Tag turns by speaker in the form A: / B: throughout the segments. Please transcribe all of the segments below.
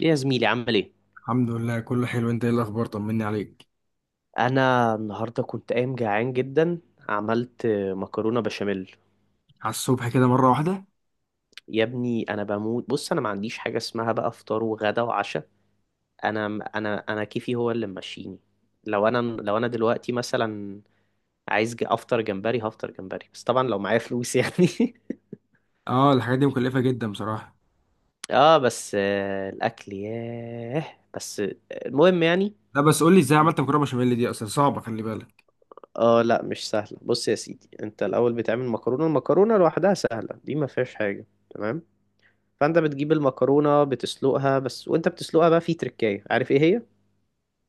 A: ايه يا زميلي، عامل ايه؟
B: الحمد لله كله حلو. انت ايه الاخبار؟ طمني عليك.
A: انا النهارده كنت قايم جعان جدا. عملت مكرونه بشاميل.
B: على الصبح كده مره واحده؟
A: يا ابني انا بموت، بص انا ما عنديش حاجه اسمها بقى فطار وغدا وعشاء. انا انا كيفي هو اللي ماشيني. لو انا دلوقتي مثلا عايز افطر جمبري، هفطر جمبري، بس طبعا لو معايا فلوس يعني.
B: اه الحاجات دي مكلفه جدا بصراحه.
A: اه بس، الاكل ياه، بس المهم يعني.
B: لا بس قول لي ازاي
A: كنت-
B: عملت مكرونه بشاميل؟ دي اصلا صعبه، خلي بالك.
A: اه لا، مش سهله. بص يا سيدي، انت الاول بتعمل مكرونه، المكرونه لوحدها سهله، دي ما فيهاش حاجه، تمام. فانت بتجيب المكرونه بتسلقها بس، وانت بتسلقها بقى في تركايه، عارف ايه هي؟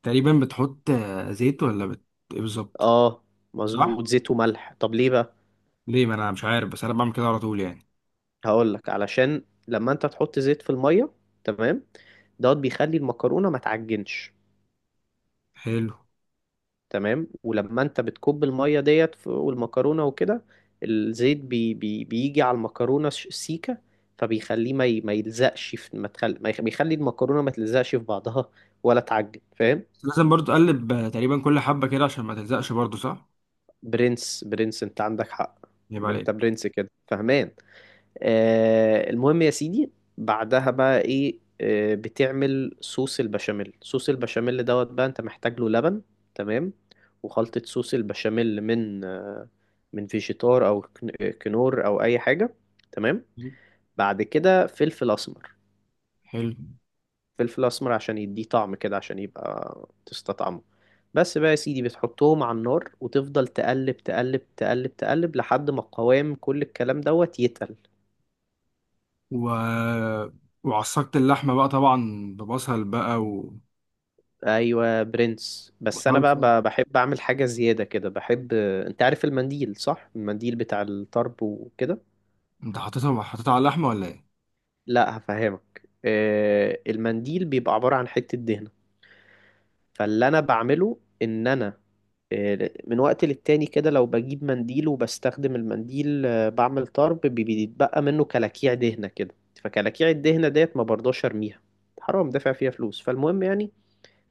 B: تقريبا بتحط زيت ولا ايه بالظبط؟
A: اه مظبوط،
B: صح.
A: زيت وملح، طب ليه بقى؟
B: ليه؟ ما انا مش عارف، بس انا بعمل كده على طول يعني.
A: هقول لك. علشان لما انت تحط زيت في الميه، تمام، دوت بيخلي المكرونه ما تعجنش.
B: حلو.
A: تمام، ولما انت بتكب الميه ديت والمكرونه وكده، الزيت بي بيجي على المكرونه سيكه. فبيخليه ما يلزقش في، ما تخل... ما يخ- بيخلي المكرونه ما تلزقش في بعضها، ولا تعجن، فاهم.
B: بس لازم برضو تقلب تقريبا كل حبه كده عشان ما تلزقش، برضو صح؟
A: برنس برنس، انت عندك حق.
B: يبقى
A: انت
B: عليك.
A: برنس كده، فهمان. آه المهم يا سيدي، بعدها بقى ايه؟ آه بتعمل صوص البشاميل، صوص البشاميل دوت بقى انت محتاج له لبن، تمام. وخلطة صوص البشاميل من، من فيجيتار او كنور او اي حاجة، تمام. بعد كده فلفل اسمر،
B: حلو
A: فلفل اسمر عشان يديه طعم كده، عشان يبقى تستطعمه. بس بقى يا سيدي، بتحطهم على النار وتفضل تقلب تقلب تقلب تقلب لحد ما قوام كل الكلام دوت يتقل.
B: و... وعصقت اللحمه بقى طبعا ببصل بقى
A: ايوه برنس، بس انا بقى
B: وصلصه.
A: بحب اعمل حاجه زياده كده، بحب، انت عارف المنديل، صح؟ المنديل بتاع الطرب وكده.
B: انت حطيتها على اللحمه ولا ايه؟
A: لا هفهمك، المنديل بيبقى عباره عن حته دهنه. فاللي انا بعمله ان انا، من وقت للتاني كده لو بجيب منديل وبستخدم المنديل، بعمل طرب بيتبقى منه كلاكيع دهنة كده. فكلاكيع الدهنة ديت ما برضاش ارميها، حرام دافع فيها فلوس. فالمهم يعني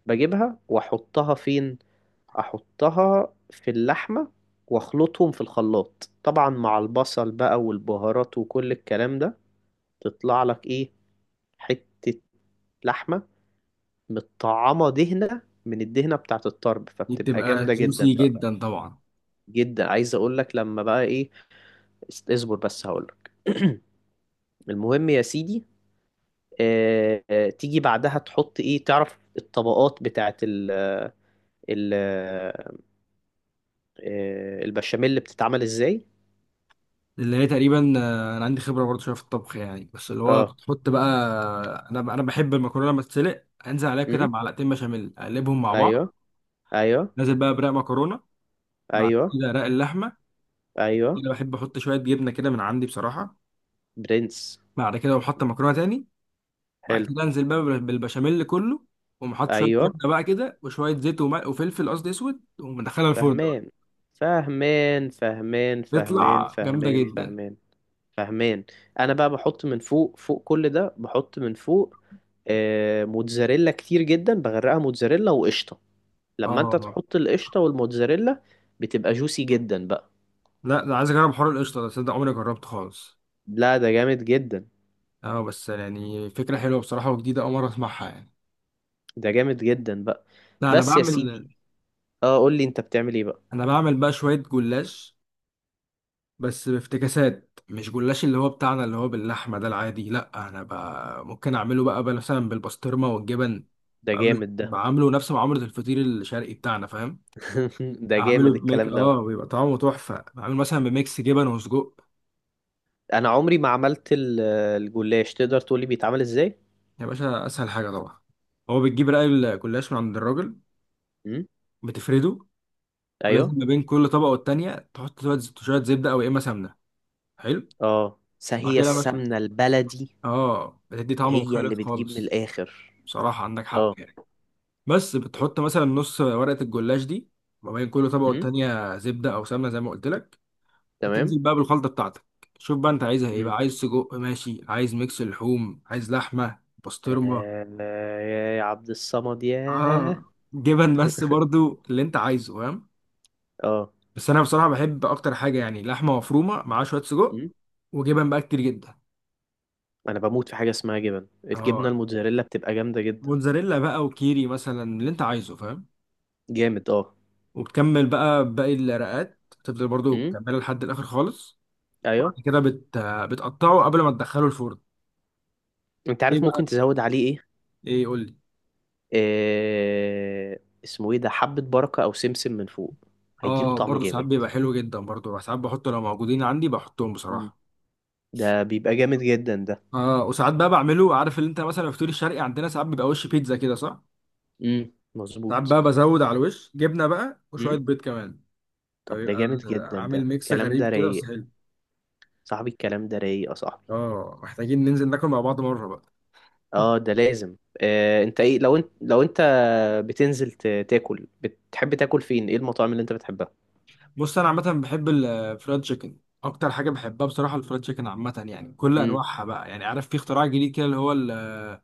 A: بجيبها واحطها فين؟ احطها في اللحمة، واخلطهم في الخلاط طبعا مع البصل بقى والبهارات وكل الكلام ده. تطلع لك ايه؟ حتة لحمة متطعمة دهنة من الدهنة بتاعت الطرب،
B: دي
A: فبتبقى
B: بتبقى
A: جامدة جدا
B: جوسي
A: بقى.
B: جدا طبعا.
A: جدا، عايز اقول لك لما بقى ايه، اصبر بس هقولك. المهم يا سيدي، تيجي بعدها تحط ايه، تعرف الطبقات بتاعت ال ال آه، البشاميل اللي بتتعمل ازاي؟
B: اللي هي تقريبا انا عندي خبره برضه شويه في الطبخ يعني، بس اللي هو
A: اه،
B: بتحط بقى، انا بحب المكرونه لما تتسلق انزل عليها كده
A: امم،
B: معلقتين بشاميل اقلبهم مع بعض.
A: ايوه، ايوه،
B: نازل بقى برق مكرونه، بعد
A: ايوه،
B: كده رق اللحمه،
A: ايوه،
B: كده بحب احط شويه جبنه كده من عندي بصراحه.
A: برنس،
B: بعد كده بحط مكرونه تاني، بعد
A: حلو،
B: كده انزل بقى بالبشاميل كله، ومحط شويه
A: ايوه،
B: جبنه بقى كده وشويه زيت وملح وفلفل، قصدي اسود، ومدخلها الفرن بقى.
A: فهمان فهمان فهمان فهمان
B: بيطلع جامده
A: فهمان
B: جدا.
A: فهمان فهمان. انا بقى بحط من فوق، فوق كل ده بحط من فوق، موتزاريلا كتير جدا، بغرقها موتزاريلا وقشطه. لما انت
B: اه
A: تحط القشطة والموتزاريلا بتبقى جوسي جدا بقى.
B: لا ده عايز اجرب حوار القشطه ده، تصدق عمري ما جربته خالص.
A: لا ده جامد جدا،
B: اه بس يعني فكره حلوه بصراحه وجديده، اول مره اسمعها يعني.
A: ده جامد جدا بقى.
B: لا انا
A: بس يا
B: بعمل
A: سيدي، اه قول لي انت بتعمل ايه بقى؟
B: انا بعمل بقى شويه جلاش، بس بافتكاسات. مش جلاش اللي هو بتاعنا اللي هو باللحمه ده العادي. لا انا بقى ممكن اعمله بقى مثلا بالبسطرمه والجبن.
A: ده
B: بعمله
A: جامد ده.
B: بعمله نفس معامله الفطير الشرقي بتاعنا، فاهم؟
A: ده جامد
B: اعمله بميك،
A: الكلام ده.
B: اه، بيبقى طعمه تحفه. بعمله مثلا بميكس جبن وسجق.
A: انا عمري ما عملت الجلاش، تقدر تقولي بيتعمل ازاي؟
B: يا باشا اسهل حاجه طبعا، هو بتجيب رقاق الجلاش من عند الراجل،
A: امم،
B: بتفرده، ولازم
A: ايوه،
B: ما بين كل طبقه والتانيه تحط شوية زبده او يا اما سمنه. حلو.
A: اه
B: وبعد
A: هي
B: كده مثلا،
A: السمنة البلدي.
B: اه، بتدي طعم
A: هي اللي
B: مختلف
A: بتجيب من
B: خالص.
A: الاخر.
B: بصراحه عندك حق
A: اه،
B: يعني. بس بتحط مثلا نص ورقه الجلاش دي ما بين كل طبقه
A: امم،
B: والتانيه زبده او سمنه، زي ما قلت لك.
A: تمام،
B: وتنزل بقى بالخلطه بتاعتك. شوف بقى انت عايزها ايه
A: امم،
B: بقى؟ عايز سجق ماشي، عايز ميكس لحوم، عايز لحمه بسطرمه،
A: آه، يا عبد الصمد يا.
B: اه، جبن، بس برضو اللي انت عايزه، فاهم؟
A: اه.
B: بس انا بصراحه بحب اكتر حاجه يعني لحمه مفرومه مع شويه سجق وجبن بقى كتير جدا.
A: انا بموت في حاجه اسمها جبن، الجبنه
B: اه
A: الموتزاريلا بتبقى جامده جدا.
B: موتزاريلا بقى وكيري مثلا، اللي انت عايزه، فاهم؟
A: جامد اه.
B: وبتكمل بقى باقي الرقات، تفضل برضو
A: امم،
B: تكملها لحد الاخر خالص. وبعد
A: ايوه،
B: كده بتقطعه قبل ما تدخله الفرن.
A: انت
B: ايه
A: عارف ممكن
B: بقى؟
A: تزود عليه ايه؟
B: ايه قول لي.
A: اسمه ايه ده، حبه بركه او سمسم من فوق، هيديله
B: اه
A: طعم
B: برضو ساعات
A: جامد.
B: بيبقى حلو جدا، برضو ساعات بحطه لو موجودين عندي، بحطهم
A: مم.
B: بصراحة.
A: ده بيبقى جامد جدا ده.
B: اه وساعات بقى بعمله، عارف اللي انت مثلا في الفطير الشرقي عندنا ساعات بيبقى وش بيتزا كده، صح؟ ساعات
A: مظبوط.
B: بقى بزود على الوش جبنة بقى وشوية
A: امم،
B: بيض كمان،
A: طب ده
B: فبيبقى
A: جامد جدا ده،
B: عامل ميكس
A: الكلام
B: غريب
A: ده
B: كده بس
A: رايق.
B: حلو.
A: صاحبي الكلام ده رايق يا صاحبي.
B: اه محتاجين ننزل ناكل مع بعض مرة بقى.
A: اه ده لازم. آه، انت ايه لو انت، لو انت بتنزل تاكل، بتحب تاكل فين؟ ايه المطاعم اللي انت بتحبها؟
B: بص انا عامه بحب الفرايد تشيكن اكتر حاجه بحبها بصراحه. الفرايد تشيكن عامه يعني كل
A: امم،
B: انواعها بقى يعني. عارف في اختراع جديد كده اللي هو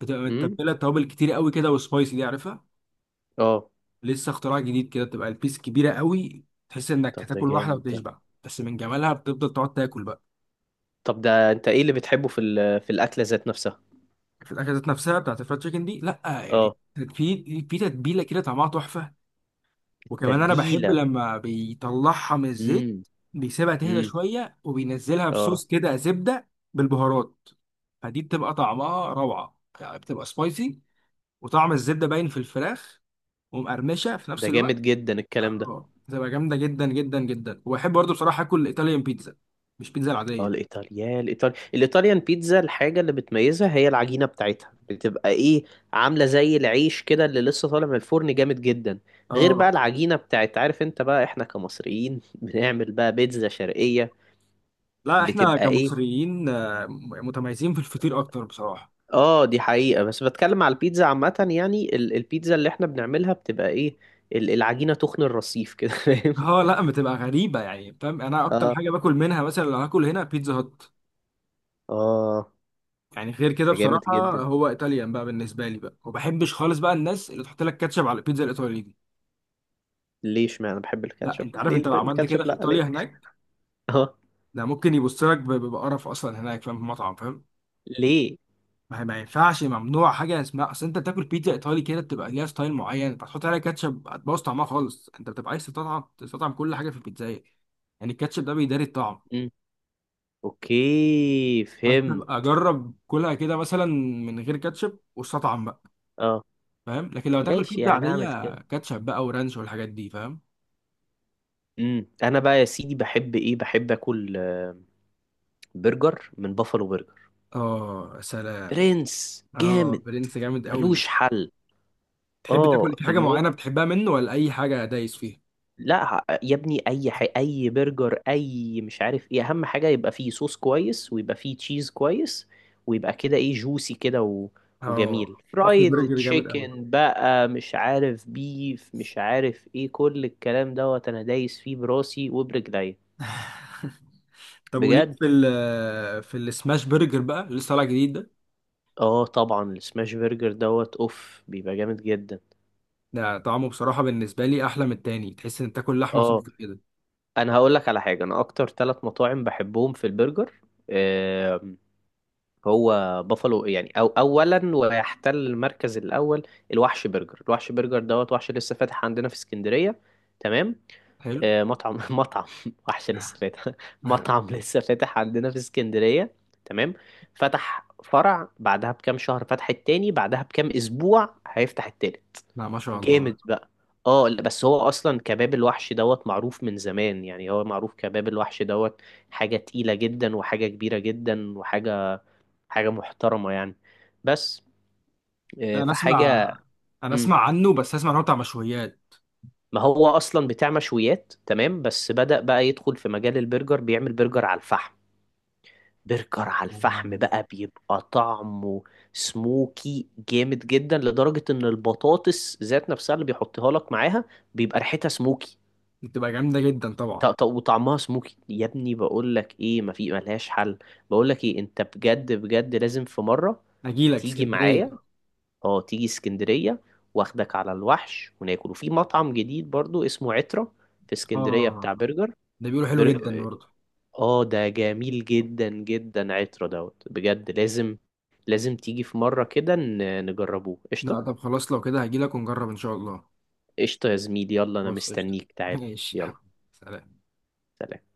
B: بتبقى
A: امم،
B: متبله توابل كتير قوي كده وسبايسي، دي عارفها؟
A: اه
B: لسه اختراع جديد كده، بتبقى البيس كبيره قوي تحس انك
A: طب ده
B: هتاكل واحده
A: جامد ده.
B: وتشبع، بس من جمالها بتفضل تقعد تاكل بقى.
A: طب ده، انت ايه اللي بتحبه في في الاكله ذات نفسها؟
B: في الاكلات ذات نفسها بتاعت الفرايد تشيكن دي، لا يعني،
A: اه
B: في في تتبيله كده طعمها تحفه. وكمان انا بحب
A: التتبيله.
B: لما بيطلعها من الزيت
A: امم،
B: بيسيبها تهدى
A: امم،
B: شويه وبينزلها في
A: اه
B: صوص كده زبده بالبهارات. فدي بتبقى طعمها روعه يعني، بتبقى سبايسي وطعم الزبده باين في الفراخ ومقرمشه في
A: ده
B: نفس الوقت.
A: جامد جدا الكلام ده.
B: اه بتبقى جامده جدا جدا جدا. وبحب برضه بصراحه اكل الايطاليان بيتزا، مش بيتزا
A: اه،
B: العاديه.
A: الايطاليان بيتزا، الحاجه اللي بتميزها هي العجينه بتاعتها، بتبقى ايه؟ عامله زي العيش كده اللي لسه طالع من الفرن، جامد جدا. غير بقى
B: اه
A: العجينه بتاعت، عارف انت بقى احنا كمصريين، بنعمل بقى بيتزا شرقيه،
B: لا احنا
A: بتبقى ايه؟
B: كمصريين، متميزين في الفطير اكتر بصراحه.
A: اه دي حقيقة، بس بتكلم على البيتزا عامة يعني، البيتزا اللي احنا بنعملها بتبقى ايه؟ العجينة تخن الرصيف كده، فاهم.
B: اه لا بتبقى غريبه يعني، فاهم؟ انا اكتر
A: اه،
B: حاجه باكل منها مثلا لو هاكل هنا بيتزا هات،
A: اه
B: يعني غير كده
A: ده جامد
B: بصراحة.
A: جدا.
B: هو ايطاليان بقى بالنسبة لي بقى، وما بحبش خالص بقى الناس اللي تحط لك كاتشب على البيتزا الايطالي دي.
A: ليه اشمعنى انا بحب
B: لا
A: الكاتشب،
B: انت عارف
A: ليه
B: انت لو عملت
A: الكاتشب،
B: كده في
A: لا
B: ايطاليا
A: ليه؟
B: هناك،
A: اه
B: ده ممكن يبص لك بقرف اصلا هناك، فاهم؟ في المطعم، فاهم؟
A: ليه؟
B: ما ينفعش، ممنوع حاجة اسمها، اصل انت بتاكل بيتزا ايطالي كده بتبقى ليها ستايل معين، انت هتحط عليها كاتشب هتبوظ طعمها خالص. انت بتبقى عايز تطعم كل حاجة في البيتزاية، يعني الكاتشب ده بيداري الطعم.
A: امم اوكي،
B: فانت بقى
A: فهمت.
B: جرب كلها كده مثلا من غير كاتشب واستطعم بقى،
A: اه
B: فاهم؟ لكن لو تاكل
A: ماشي،
B: بيتزا
A: يعني اعمل
B: عادية
A: كده.
B: كاتشب بقى ورانش والحاجات دي، فاهم؟
A: امم، انا بقى يا سيدي بحب ايه، بحب اكل برجر من بافالو برجر.
B: اه سلام.
A: برنس
B: اه
A: جامد.
B: برنس جامد قوي.
A: ملوش حل.
B: تحب
A: اه
B: تاكل في حاجه
A: المهم،
B: معينه بتحبها منه، ولا اي حاجه دايس فيها؟
A: لا يا ابني اي برجر اي مش عارف ايه، اهم حاجه يبقى فيه صوص كويس، ويبقى فيه تشيز كويس، ويبقى كده ايه جوسي كده، و...
B: اه
A: وجميل،
B: وافل
A: فرايد
B: برجر جامد قوي.
A: تشيكن بقى، مش عارف بيف، مش عارف ايه، كل الكلام دوت انا دايس فيه براسي وبرجلي.
B: طب وليك
A: بجد،
B: في في السماش برجر بقى اللي لسه طالع جديد ده؟
A: اه طبعا السماش برجر دوت اوف بيبقى جامد جدا.
B: ده طعمه بصراحه بالنسبه لي احلى من التاني، تحس ان تاكل لحمه
A: اه
B: صدف كده.
A: انا هقول لك على حاجه، انا اكتر ثلاث مطاعم بحبهم في البرجر. هو بافالو يعني، أو أولا ويحتل المركز الأول. الوحش برجر، الوحش برجر دوت، وحش لسه فاتح عندنا في اسكندرية، تمام.
B: حلو.
A: مطعم، مطعم وحش لسه فاتح، مطعم لسه فاتح عندنا في اسكندرية، تمام. فتح فرع، بعدها بكام شهر فتح التاني، بعدها بكام أسبوع هيفتح التالت.
B: لا ما شاء الله.
A: جامد بقى. اه لا، بس هو اصلا كباب الوحش دوت معروف من زمان يعني، هو معروف كباب الوحش دوت. حاجة تقيلة جدا، وحاجة كبيرة جدا، وحاجة، حاجة محترمة يعني. بس
B: لا انا اسمع
A: فحاجة.
B: انا
A: مم.
B: اسمع عنه، بس اسمع ان هو بتاع مشويات.
A: ما هو أصلا بتاع مشويات، تمام، بس بدأ بقى يدخل في مجال البرجر، بيعمل برجر على الفحم. برجر على الفحم بقى بيبقى طعمه سموكي جامد جدا، لدرجة إن البطاطس ذات نفسها اللي بيحطها لك معاها بيبقى ريحتها سموكي.
B: بتبقى جامده جدا طبعا.
A: وطعمها سموكي يا ابني، بقول لك ايه، ما في، ملهاش حل. بقول لك ايه، انت بجد بجد لازم في مرة
B: اجي لك
A: تيجي معايا.
B: اسكندريه.
A: اه تيجي اسكندرية، واخدك على الوحش وناكل، وفي مطعم جديد برضو اسمه عترة، في اسكندرية،
B: اه
A: بتاع برجر.
B: ده بيقولوا حلو
A: بر...
B: جدا برضه.
A: اه ده جميل جدا جدا، عترة دوت، بجد لازم، لازم تيجي في مرة كده نجربوه،
B: لا
A: قشطة.
B: طب خلاص لو كده هجيلك ونجرب ان شاء الله.
A: قشطة يا زميلي، يلا انا
B: خلاص قشطة.
A: مستنيك، تعال.
B: ماشي يا
A: يلا
B: حبيبي، سلام.
A: سلام.